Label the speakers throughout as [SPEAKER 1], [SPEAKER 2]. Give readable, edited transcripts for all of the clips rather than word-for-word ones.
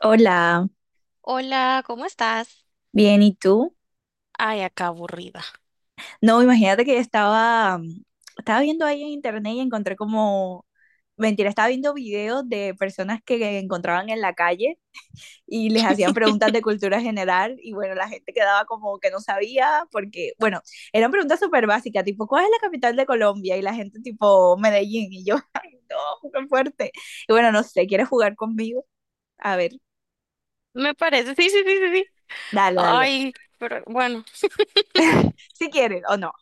[SPEAKER 1] Hola,
[SPEAKER 2] Hola, ¿cómo estás?
[SPEAKER 1] bien, ¿y tú?
[SPEAKER 2] Ay, acá aburrida.
[SPEAKER 1] No, imagínate que estaba, estaba viendo ahí en internet y encontré como, mentira, estaba viendo videos de personas que encontraban en la calle y les hacían preguntas de cultura general y bueno, la gente quedaba como que no sabía porque, bueno, eran preguntas súper básicas, tipo, ¿cuál es la capital de Colombia? Y la gente tipo, Medellín y yo, ay, no, qué fuerte. Y bueno, no sé, ¿quieres jugar conmigo? A ver,
[SPEAKER 2] Me parece. Sí, sí, sí, sí, sí.
[SPEAKER 1] dale, dale.
[SPEAKER 2] Ay, pero bueno.
[SPEAKER 1] Si quieres o no,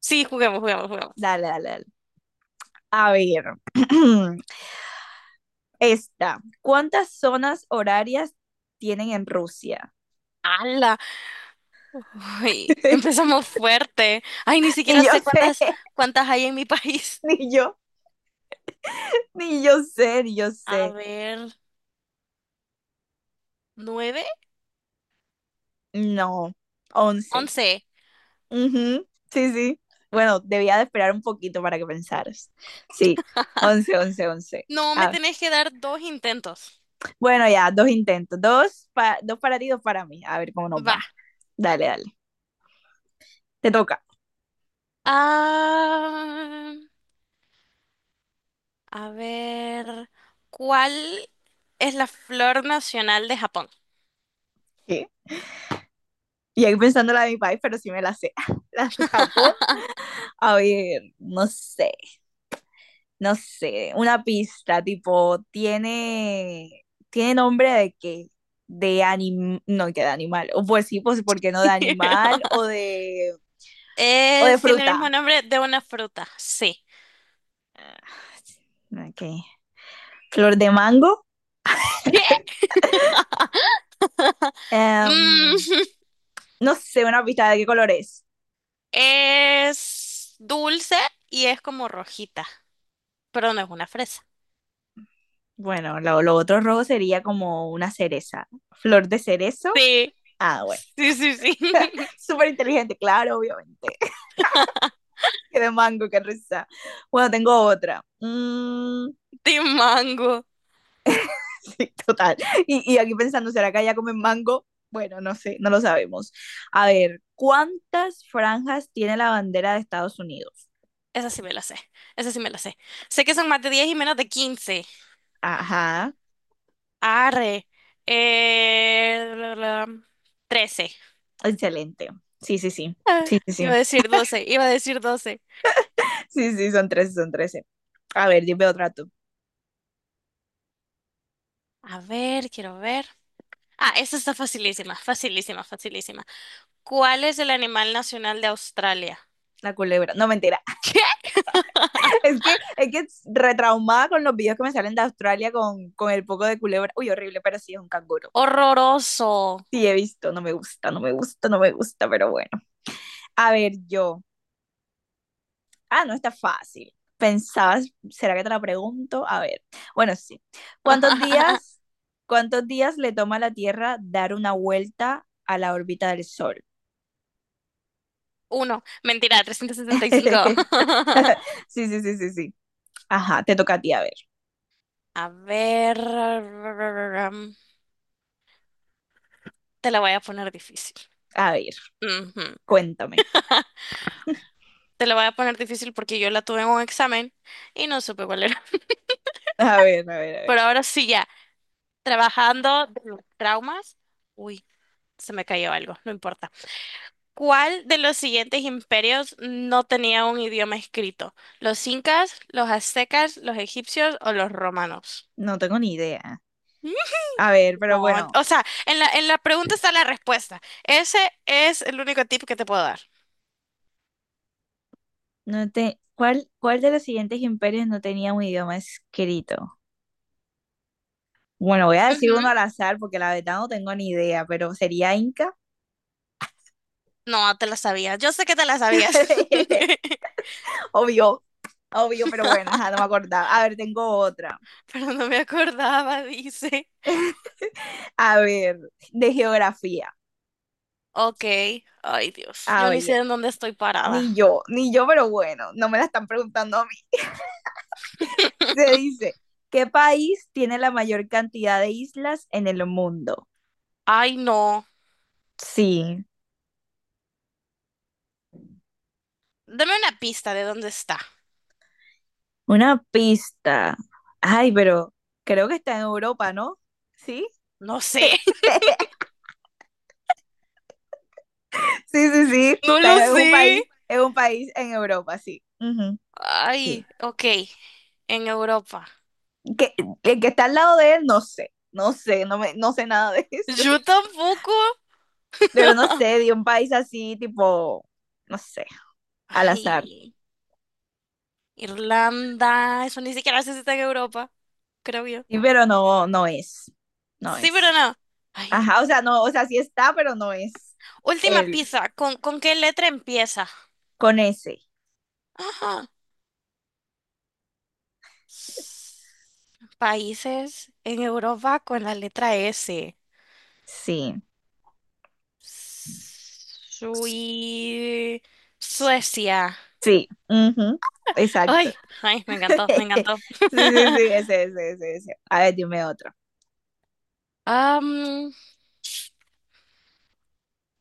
[SPEAKER 2] Sí, juguemos, juguemos, juguemos.
[SPEAKER 1] dale, dale, dale. A ver. Esta, ¿cuántas zonas horarias tienen en Rusia?
[SPEAKER 2] ¡Hala! Uy, empezamos fuerte. Ay, ni
[SPEAKER 1] Ni
[SPEAKER 2] siquiera
[SPEAKER 1] yo
[SPEAKER 2] sé
[SPEAKER 1] sé.
[SPEAKER 2] cuántas, cuántas hay en mi país.
[SPEAKER 1] Ni yo, ni yo sé, ni yo
[SPEAKER 2] A
[SPEAKER 1] sé.
[SPEAKER 2] ver, ¿nueve?
[SPEAKER 1] No, 11.
[SPEAKER 2] Once.
[SPEAKER 1] Ujú, sí, sí. Bueno, debía de esperar un poquito para que pensaras. Sí, once, 11, 11.
[SPEAKER 2] No, me
[SPEAKER 1] Ah,
[SPEAKER 2] tenés que dar dos intentos.
[SPEAKER 1] bueno, ya, dos intentos. Dos, dos para ti, dos para mí. A ver cómo nos
[SPEAKER 2] Va.
[SPEAKER 1] va. Dale, dale. Te toca.
[SPEAKER 2] Ah, a ver, ¿cuál es la flor nacional de Japón?
[SPEAKER 1] ¿Qué? Y ahí pensando la de mi país, pero sí me la sé. La de Japón. A ver, no sé. No sé, una pista, tipo, tiene nombre de qué, de animal, no, que de animal, o pues sí, pues, ¿por qué no de animal o de
[SPEAKER 2] Es, tiene el mismo
[SPEAKER 1] fruta?
[SPEAKER 2] nombre de una fruta, sí.
[SPEAKER 1] Ok, flor de mango.
[SPEAKER 2] ¿Qué?
[SPEAKER 1] Em,
[SPEAKER 2] Mm,
[SPEAKER 1] no sé, una pista de qué color es.
[SPEAKER 2] es dulce y es como rojita, pero no es una fresa.
[SPEAKER 1] Bueno, lo otro rojo sería como una cereza, flor de cerezo.
[SPEAKER 2] Sí,
[SPEAKER 1] Ah, bueno,
[SPEAKER 2] sí, sí, sí.
[SPEAKER 1] súper inteligente, claro, obviamente. Que de mango, qué risa. Bueno, tengo otra.
[SPEAKER 2] De mango.
[SPEAKER 1] Sí, total. Y aquí pensando, ¿será que allá comen mango? Bueno, no sé, no lo sabemos. A ver, ¿cuántas franjas tiene la bandera de Estados Unidos?
[SPEAKER 2] Esa sí me la sé, esa sí me la sé. Sé que son más de 10 y menos de 15.
[SPEAKER 1] Ajá,
[SPEAKER 2] Arre. La 13.
[SPEAKER 1] excelente. Sí, sí, sí. Sí, sí, sí.
[SPEAKER 2] Iba a decir 12. Iba a decir 12.
[SPEAKER 1] Sí, sí, son trece, son trece. A ver, dime otra tú.
[SPEAKER 2] A ver, quiero ver. Ah, esta está facilísima, facilísima, facilísima. ¿Cuál es el animal nacional de Australia?
[SPEAKER 1] La culebra. No, mentira.
[SPEAKER 2] ¡Qué
[SPEAKER 1] Es que retraumada con los videos que me salen de Australia con el poco de culebra. Uy, horrible, pero sí es un canguro.
[SPEAKER 2] horroroso!
[SPEAKER 1] Sí, he visto. No me gusta, no me gusta, no me gusta, pero bueno. A ver, yo. Ah, no está fácil. Pensabas, ¿será que te la pregunto? A ver. Bueno, sí. ¿Cuántos días, cuántos días le toma a la Tierra dar una vuelta a la órbita del Sol?
[SPEAKER 2] Uno, mentira, trescientos setenta y cinco.
[SPEAKER 1] Sí, sí, sí, sí, sí. Ajá, te toca a ti, a ver.
[SPEAKER 2] A ver, mm, te la voy a poner difícil.
[SPEAKER 1] A ver,
[SPEAKER 2] Ujú.
[SPEAKER 1] cuéntame.
[SPEAKER 2] Te la voy a poner difícil porque yo la tuve en un examen y no supe cuál era.
[SPEAKER 1] A ver, a ver, a ver.
[SPEAKER 2] Pero ahora sí ya, trabajando de los traumas. Uy, se me cayó algo, no importa. ¿Cuál de los siguientes imperios no tenía un idioma escrito? ¿Los incas, los aztecas, los egipcios o los romanos?
[SPEAKER 1] No tengo ni idea.
[SPEAKER 2] ¿Mm?
[SPEAKER 1] A ver, pero
[SPEAKER 2] No,
[SPEAKER 1] bueno,
[SPEAKER 2] o sea, en la pregunta está la respuesta. Ese es el único tip que te puedo dar.
[SPEAKER 1] no te... ¿Cuál, cuál de los siguientes imperios no tenía un idioma escrito? Bueno, voy a decir
[SPEAKER 2] Ujú.
[SPEAKER 1] uno al azar porque la verdad no tengo ni idea, pero sería Inca.
[SPEAKER 2] No, te la sabías. Yo sé que te la sabías.
[SPEAKER 1] Obvio, obvio, pero bueno, ajá, no me acordaba. A ver, tengo otra.
[SPEAKER 2] Pero no me acordaba, dice.
[SPEAKER 1] A ver, de geografía.
[SPEAKER 2] Ok. Ay, Dios.
[SPEAKER 1] A
[SPEAKER 2] Yo ni sé
[SPEAKER 1] ver,
[SPEAKER 2] en dónde estoy parada.
[SPEAKER 1] ni yo, ni yo, pero bueno, no me la están preguntando a mí. Se dice, ¿qué país tiene la mayor cantidad de islas en el mundo?
[SPEAKER 2] Ay, no.
[SPEAKER 1] Sí,
[SPEAKER 2] Dame una pista de dónde está.
[SPEAKER 1] una pista. Ay, pero creo que está en Europa, ¿no? Sí,
[SPEAKER 2] No sé.
[SPEAKER 1] sí, sí, sí.
[SPEAKER 2] No lo
[SPEAKER 1] Está en-
[SPEAKER 2] sé.
[SPEAKER 1] es un país en Europa, sí. Ujú, sí.
[SPEAKER 2] Ay, ok, en Europa.
[SPEAKER 1] Que, el que está al lado de él, no sé, no sé, no, me, no sé nada de eso.
[SPEAKER 2] Yo tampoco.
[SPEAKER 1] Pero no sé, de un país así, tipo, no sé, al azar.
[SPEAKER 2] Ay, Irlanda, eso ni siquiera sé si está en Europa, creo yo.
[SPEAKER 1] Sí, pero no, no es. No
[SPEAKER 2] Sí,
[SPEAKER 1] es.
[SPEAKER 2] pero no. Ay,
[SPEAKER 1] Ajá, o sea, no, o sea, sí está, pero no es
[SPEAKER 2] última
[SPEAKER 1] él.
[SPEAKER 2] pizza, con qué letra empieza?
[SPEAKER 1] Con ese.
[SPEAKER 2] Ajá. Países en Europa con la letra S.
[SPEAKER 1] Sí,
[SPEAKER 2] Sui... Suecia.
[SPEAKER 1] sí, ujú. Exacto.
[SPEAKER 2] Ay, ay, me encantó, me encantó.
[SPEAKER 1] Sí, sí, sí, ese, ese, ese, ese. A ver, dime otro.
[SPEAKER 2] Am,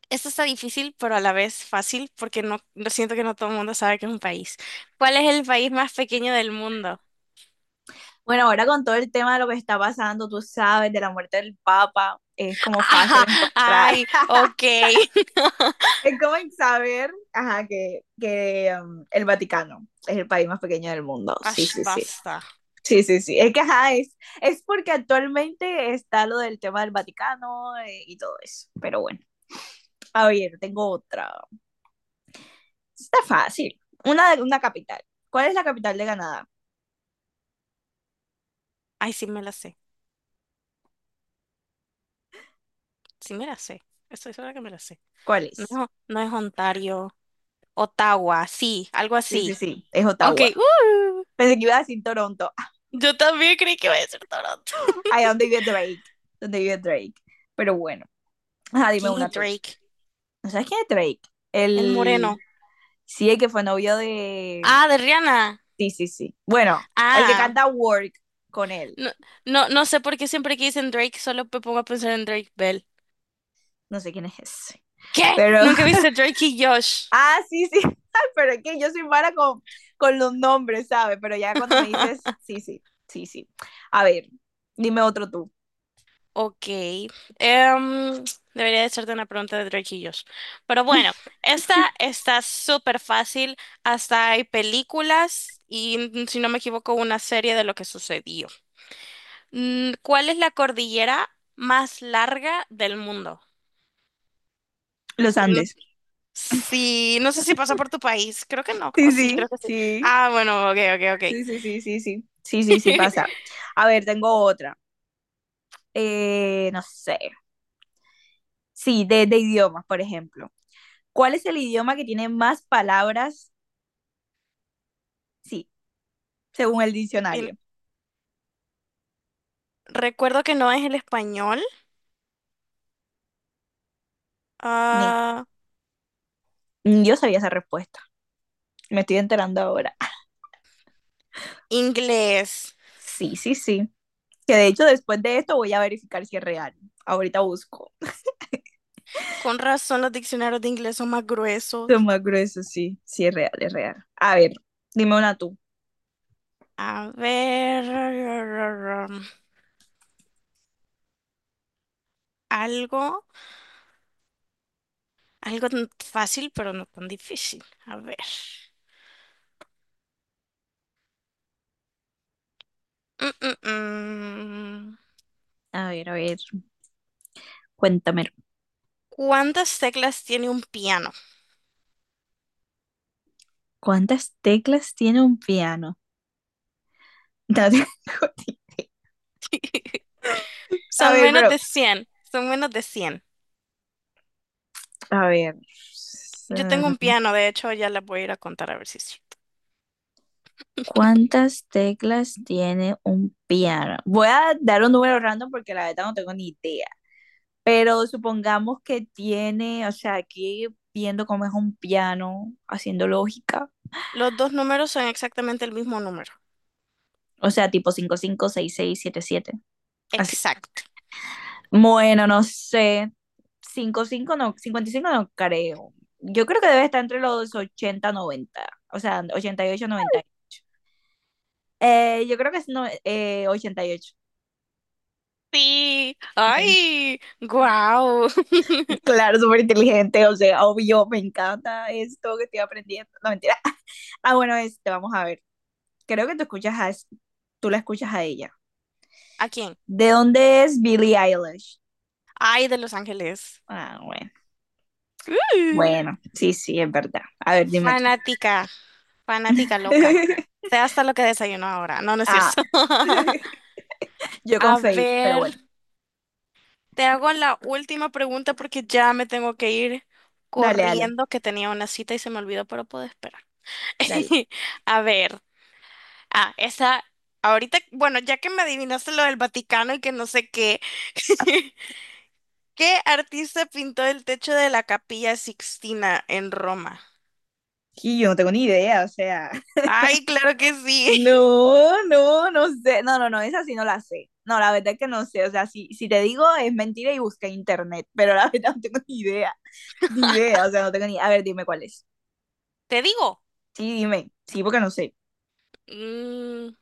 [SPEAKER 2] Esto está difícil, pero a la vez fácil, porque no, lo siento que no todo el mundo sabe que es un país. ¿Cuál es el país más pequeño del mundo?
[SPEAKER 1] Bueno, ahora con todo el tema de lo que está pasando, tú sabes, de la muerte del Papa, es como
[SPEAKER 2] Ajá,
[SPEAKER 1] fácil encontrar.
[SPEAKER 2] ay, ok.
[SPEAKER 1] Es como saber, ajá, que el Vaticano es el país más pequeño del mundo. Sí,
[SPEAKER 2] Ash,
[SPEAKER 1] sí, sí.
[SPEAKER 2] basta.
[SPEAKER 1] Sí, sí, sí. Es que, ajá, es porque actualmente está lo del tema del Vaticano y todo eso. Pero bueno, a ver, tengo otra. Está fácil. Una capital. ¿Cuál es la capital de Canadá?
[SPEAKER 2] Ay, sí me la sé. Sí me la sé. Estoy segura que me la sé.
[SPEAKER 1] ¿Cuál es?
[SPEAKER 2] No, no es Ontario. Ottawa, sí, algo
[SPEAKER 1] Sí, sí,
[SPEAKER 2] así.
[SPEAKER 1] sí. Es
[SPEAKER 2] Ok,
[SPEAKER 1] Ottawa.
[SPEAKER 2] uh,
[SPEAKER 1] Pensé que iba a decir Toronto.
[SPEAKER 2] yo también creí que iba a decir Toronto.
[SPEAKER 1] Ahí donde vive Drake. Donde vive Drake. Pero bueno, ajá, dime
[SPEAKER 2] ¿Quién es
[SPEAKER 1] una tú.
[SPEAKER 2] Drake?
[SPEAKER 1] ¿No sabes quién es Drake?
[SPEAKER 2] El
[SPEAKER 1] El.
[SPEAKER 2] moreno.
[SPEAKER 1] Sí, el que fue novio de.
[SPEAKER 2] Ah, de Rihanna.
[SPEAKER 1] Sí, sí, sí. Bueno, el que
[SPEAKER 2] Ah,
[SPEAKER 1] canta Work con él.
[SPEAKER 2] no, no, no sé por qué siempre que dicen Drake solo me pongo a pensar en Drake Bell.
[SPEAKER 1] No sé quién es ese.
[SPEAKER 2] ¿Qué?
[SPEAKER 1] Pero.
[SPEAKER 2] ¿Nunca viste Drake y Josh?
[SPEAKER 1] Ah, sí, sí. Pero es que yo soy mala con los nombres, ¿sabes? Pero ya cuando me dices. Sí, sí, sí, sí. A ver, dime otro tú.
[SPEAKER 2] Ok. Em, debería de hacerte una pregunta de Drake y Josh. Pero bueno, esta está súper fácil. Hasta hay películas y, si no me equivoco, una serie de lo que sucedió. ¿Cuál es la cordillera más larga del mundo?
[SPEAKER 1] Los
[SPEAKER 2] Y no-
[SPEAKER 1] Andes.
[SPEAKER 2] Sí, no sé si pasa por tu país. Creo que no. O
[SPEAKER 1] Sí,
[SPEAKER 2] sí,
[SPEAKER 1] sí,
[SPEAKER 2] creo que sí.
[SPEAKER 1] sí.
[SPEAKER 2] Ah, bueno, ok, ok,
[SPEAKER 1] Sí, sí, sí, sí, sí. Sí, sí,
[SPEAKER 2] ok.
[SPEAKER 1] sí, pasa. A ver, tengo otra. No sé. Sí, de idiomas, por ejemplo. ¿Cuál es el idioma que tiene más palabras? Sí, según el
[SPEAKER 2] Bien,
[SPEAKER 1] diccionario.
[SPEAKER 2] recuerdo que no es el español.
[SPEAKER 1] Ni,
[SPEAKER 2] Ah,
[SPEAKER 1] ni yo sabía esa respuesta. Me estoy enterando ahora.
[SPEAKER 2] Inglés.
[SPEAKER 1] Sí, sí, sí. Que de hecho después de esto voy a verificar si es real. Ahorita busco.
[SPEAKER 2] Con razón los diccionarios de inglés son más
[SPEAKER 1] Es
[SPEAKER 2] gruesos.
[SPEAKER 1] más grueso, sí. Sí es real, es real. A ver, dime una tú.
[SPEAKER 2] A ver, algo, algo tan fácil, pero no tan difícil. A ver. Mm, mm, mm.
[SPEAKER 1] A ver, a ver. Cuéntame.
[SPEAKER 2] ¿Cuántas teclas tiene un piano?
[SPEAKER 1] ¿Cuántas teclas tiene un piano? No tengo ni- A
[SPEAKER 2] Son
[SPEAKER 1] ver,
[SPEAKER 2] menos
[SPEAKER 1] pero.
[SPEAKER 2] de cien. Son menos de cien.
[SPEAKER 1] A ver.
[SPEAKER 2] Yo tengo un
[SPEAKER 1] mm,
[SPEAKER 2] piano, de hecho, ya las voy a ir a contar a ver si es cierto.
[SPEAKER 1] ¿Cuántas teclas tiene un piano? Voy a dar un número random porque la verdad no tengo ni idea. Pero supongamos que tiene, o sea, aquí viendo cómo es un piano, haciendo lógica,
[SPEAKER 2] Los dos números son exactamente el mismo número.
[SPEAKER 1] o sea, tipo cinco cinco seis seis siete siete así.
[SPEAKER 2] Exacto.
[SPEAKER 1] Bueno, no sé, cinco cinco no, 55 no creo. Yo creo que debe estar entre los 80 90 o sea, 88, 98. Yo creo que es no, 88.
[SPEAKER 2] Sí.
[SPEAKER 1] Bueno,
[SPEAKER 2] ¡Ay! ¡Guau!
[SPEAKER 1] claro, súper inteligente, o sea, obvio, me encanta esto que estoy aprendiendo. No, mentira. Ah, bueno, este, vamos a ver. Creo que tú escuchas a, tú la escuchas a ella.
[SPEAKER 2] ¿A quién?
[SPEAKER 1] ¿De dónde es Billie Eilish?
[SPEAKER 2] Ay, de Los Ángeles.
[SPEAKER 1] Ah, bueno.
[SPEAKER 2] Ay,
[SPEAKER 1] Bueno, sí, sí, es verdad. A ver, dime tú.
[SPEAKER 2] fanática, fanática loca. Sé hasta lo que desayuno ahora. No, no es
[SPEAKER 1] Ah,
[SPEAKER 2] cierto.
[SPEAKER 1] yo con
[SPEAKER 2] A
[SPEAKER 1] Faye, pero
[SPEAKER 2] ver,
[SPEAKER 1] bueno.
[SPEAKER 2] te hago la última pregunta porque ya me tengo que ir
[SPEAKER 1] Dale, dale,
[SPEAKER 2] corriendo, que tenía una cita y se me olvidó, pero puedo esperar.
[SPEAKER 1] dale.
[SPEAKER 2] A ver, ah, esa, ahorita, bueno, ya que me adivinaste lo del Vaticano y que no sé qué, ¿qué artista pintó el techo de la Capilla Sixtina en Roma?
[SPEAKER 1] Y yo no tengo ni idea, o sea.
[SPEAKER 2] Ay, claro que sí.
[SPEAKER 1] No, no, no sé. No, no, no, esa sí no la sé. No, la verdad es que no sé. O sea, si, si te digo es mentira y busqué en internet, pero la verdad no tengo ni idea. Ni idea, o sea, no tengo ni. A ver, dime cuál es.
[SPEAKER 2] Te digo.
[SPEAKER 1] Sí, dime. Sí, porque no sé.
[SPEAKER 2] Mm,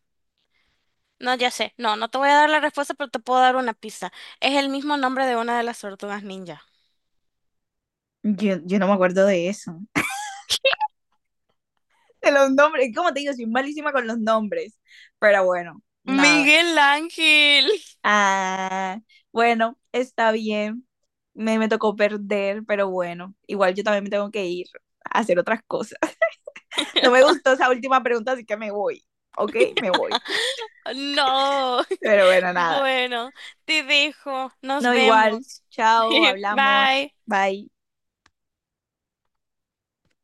[SPEAKER 2] no, ya sé. No, no te voy a dar la respuesta, pero te puedo dar una pista. Es el mismo nombre de una de las tortugas ninja.
[SPEAKER 1] Yo no me acuerdo de eso. De los nombres. Como te digo, soy malísima con los nombres. Pero bueno, nada.
[SPEAKER 2] Miguel Ángel.
[SPEAKER 1] Ah, bueno, está bien. Me tocó perder, pero bueno, igual yo también me tengo que ir a hacer otras cosas. No me gustó esa última pregunta, así que me voy. ¿Ok? Me voy.
[SPEAKER 2] No.
[SPEAKER 1] Pero bueno, nada.
[SPEAKER 2] Bueno, te dejo. Nos
[SPEAKER 1] No, igual.
[SPEAKER 2] vemos.
[SPEAKER 1] Chao, hablamos.
[SPEAKER 2] Bye.
[SPEAKER 1] Bye.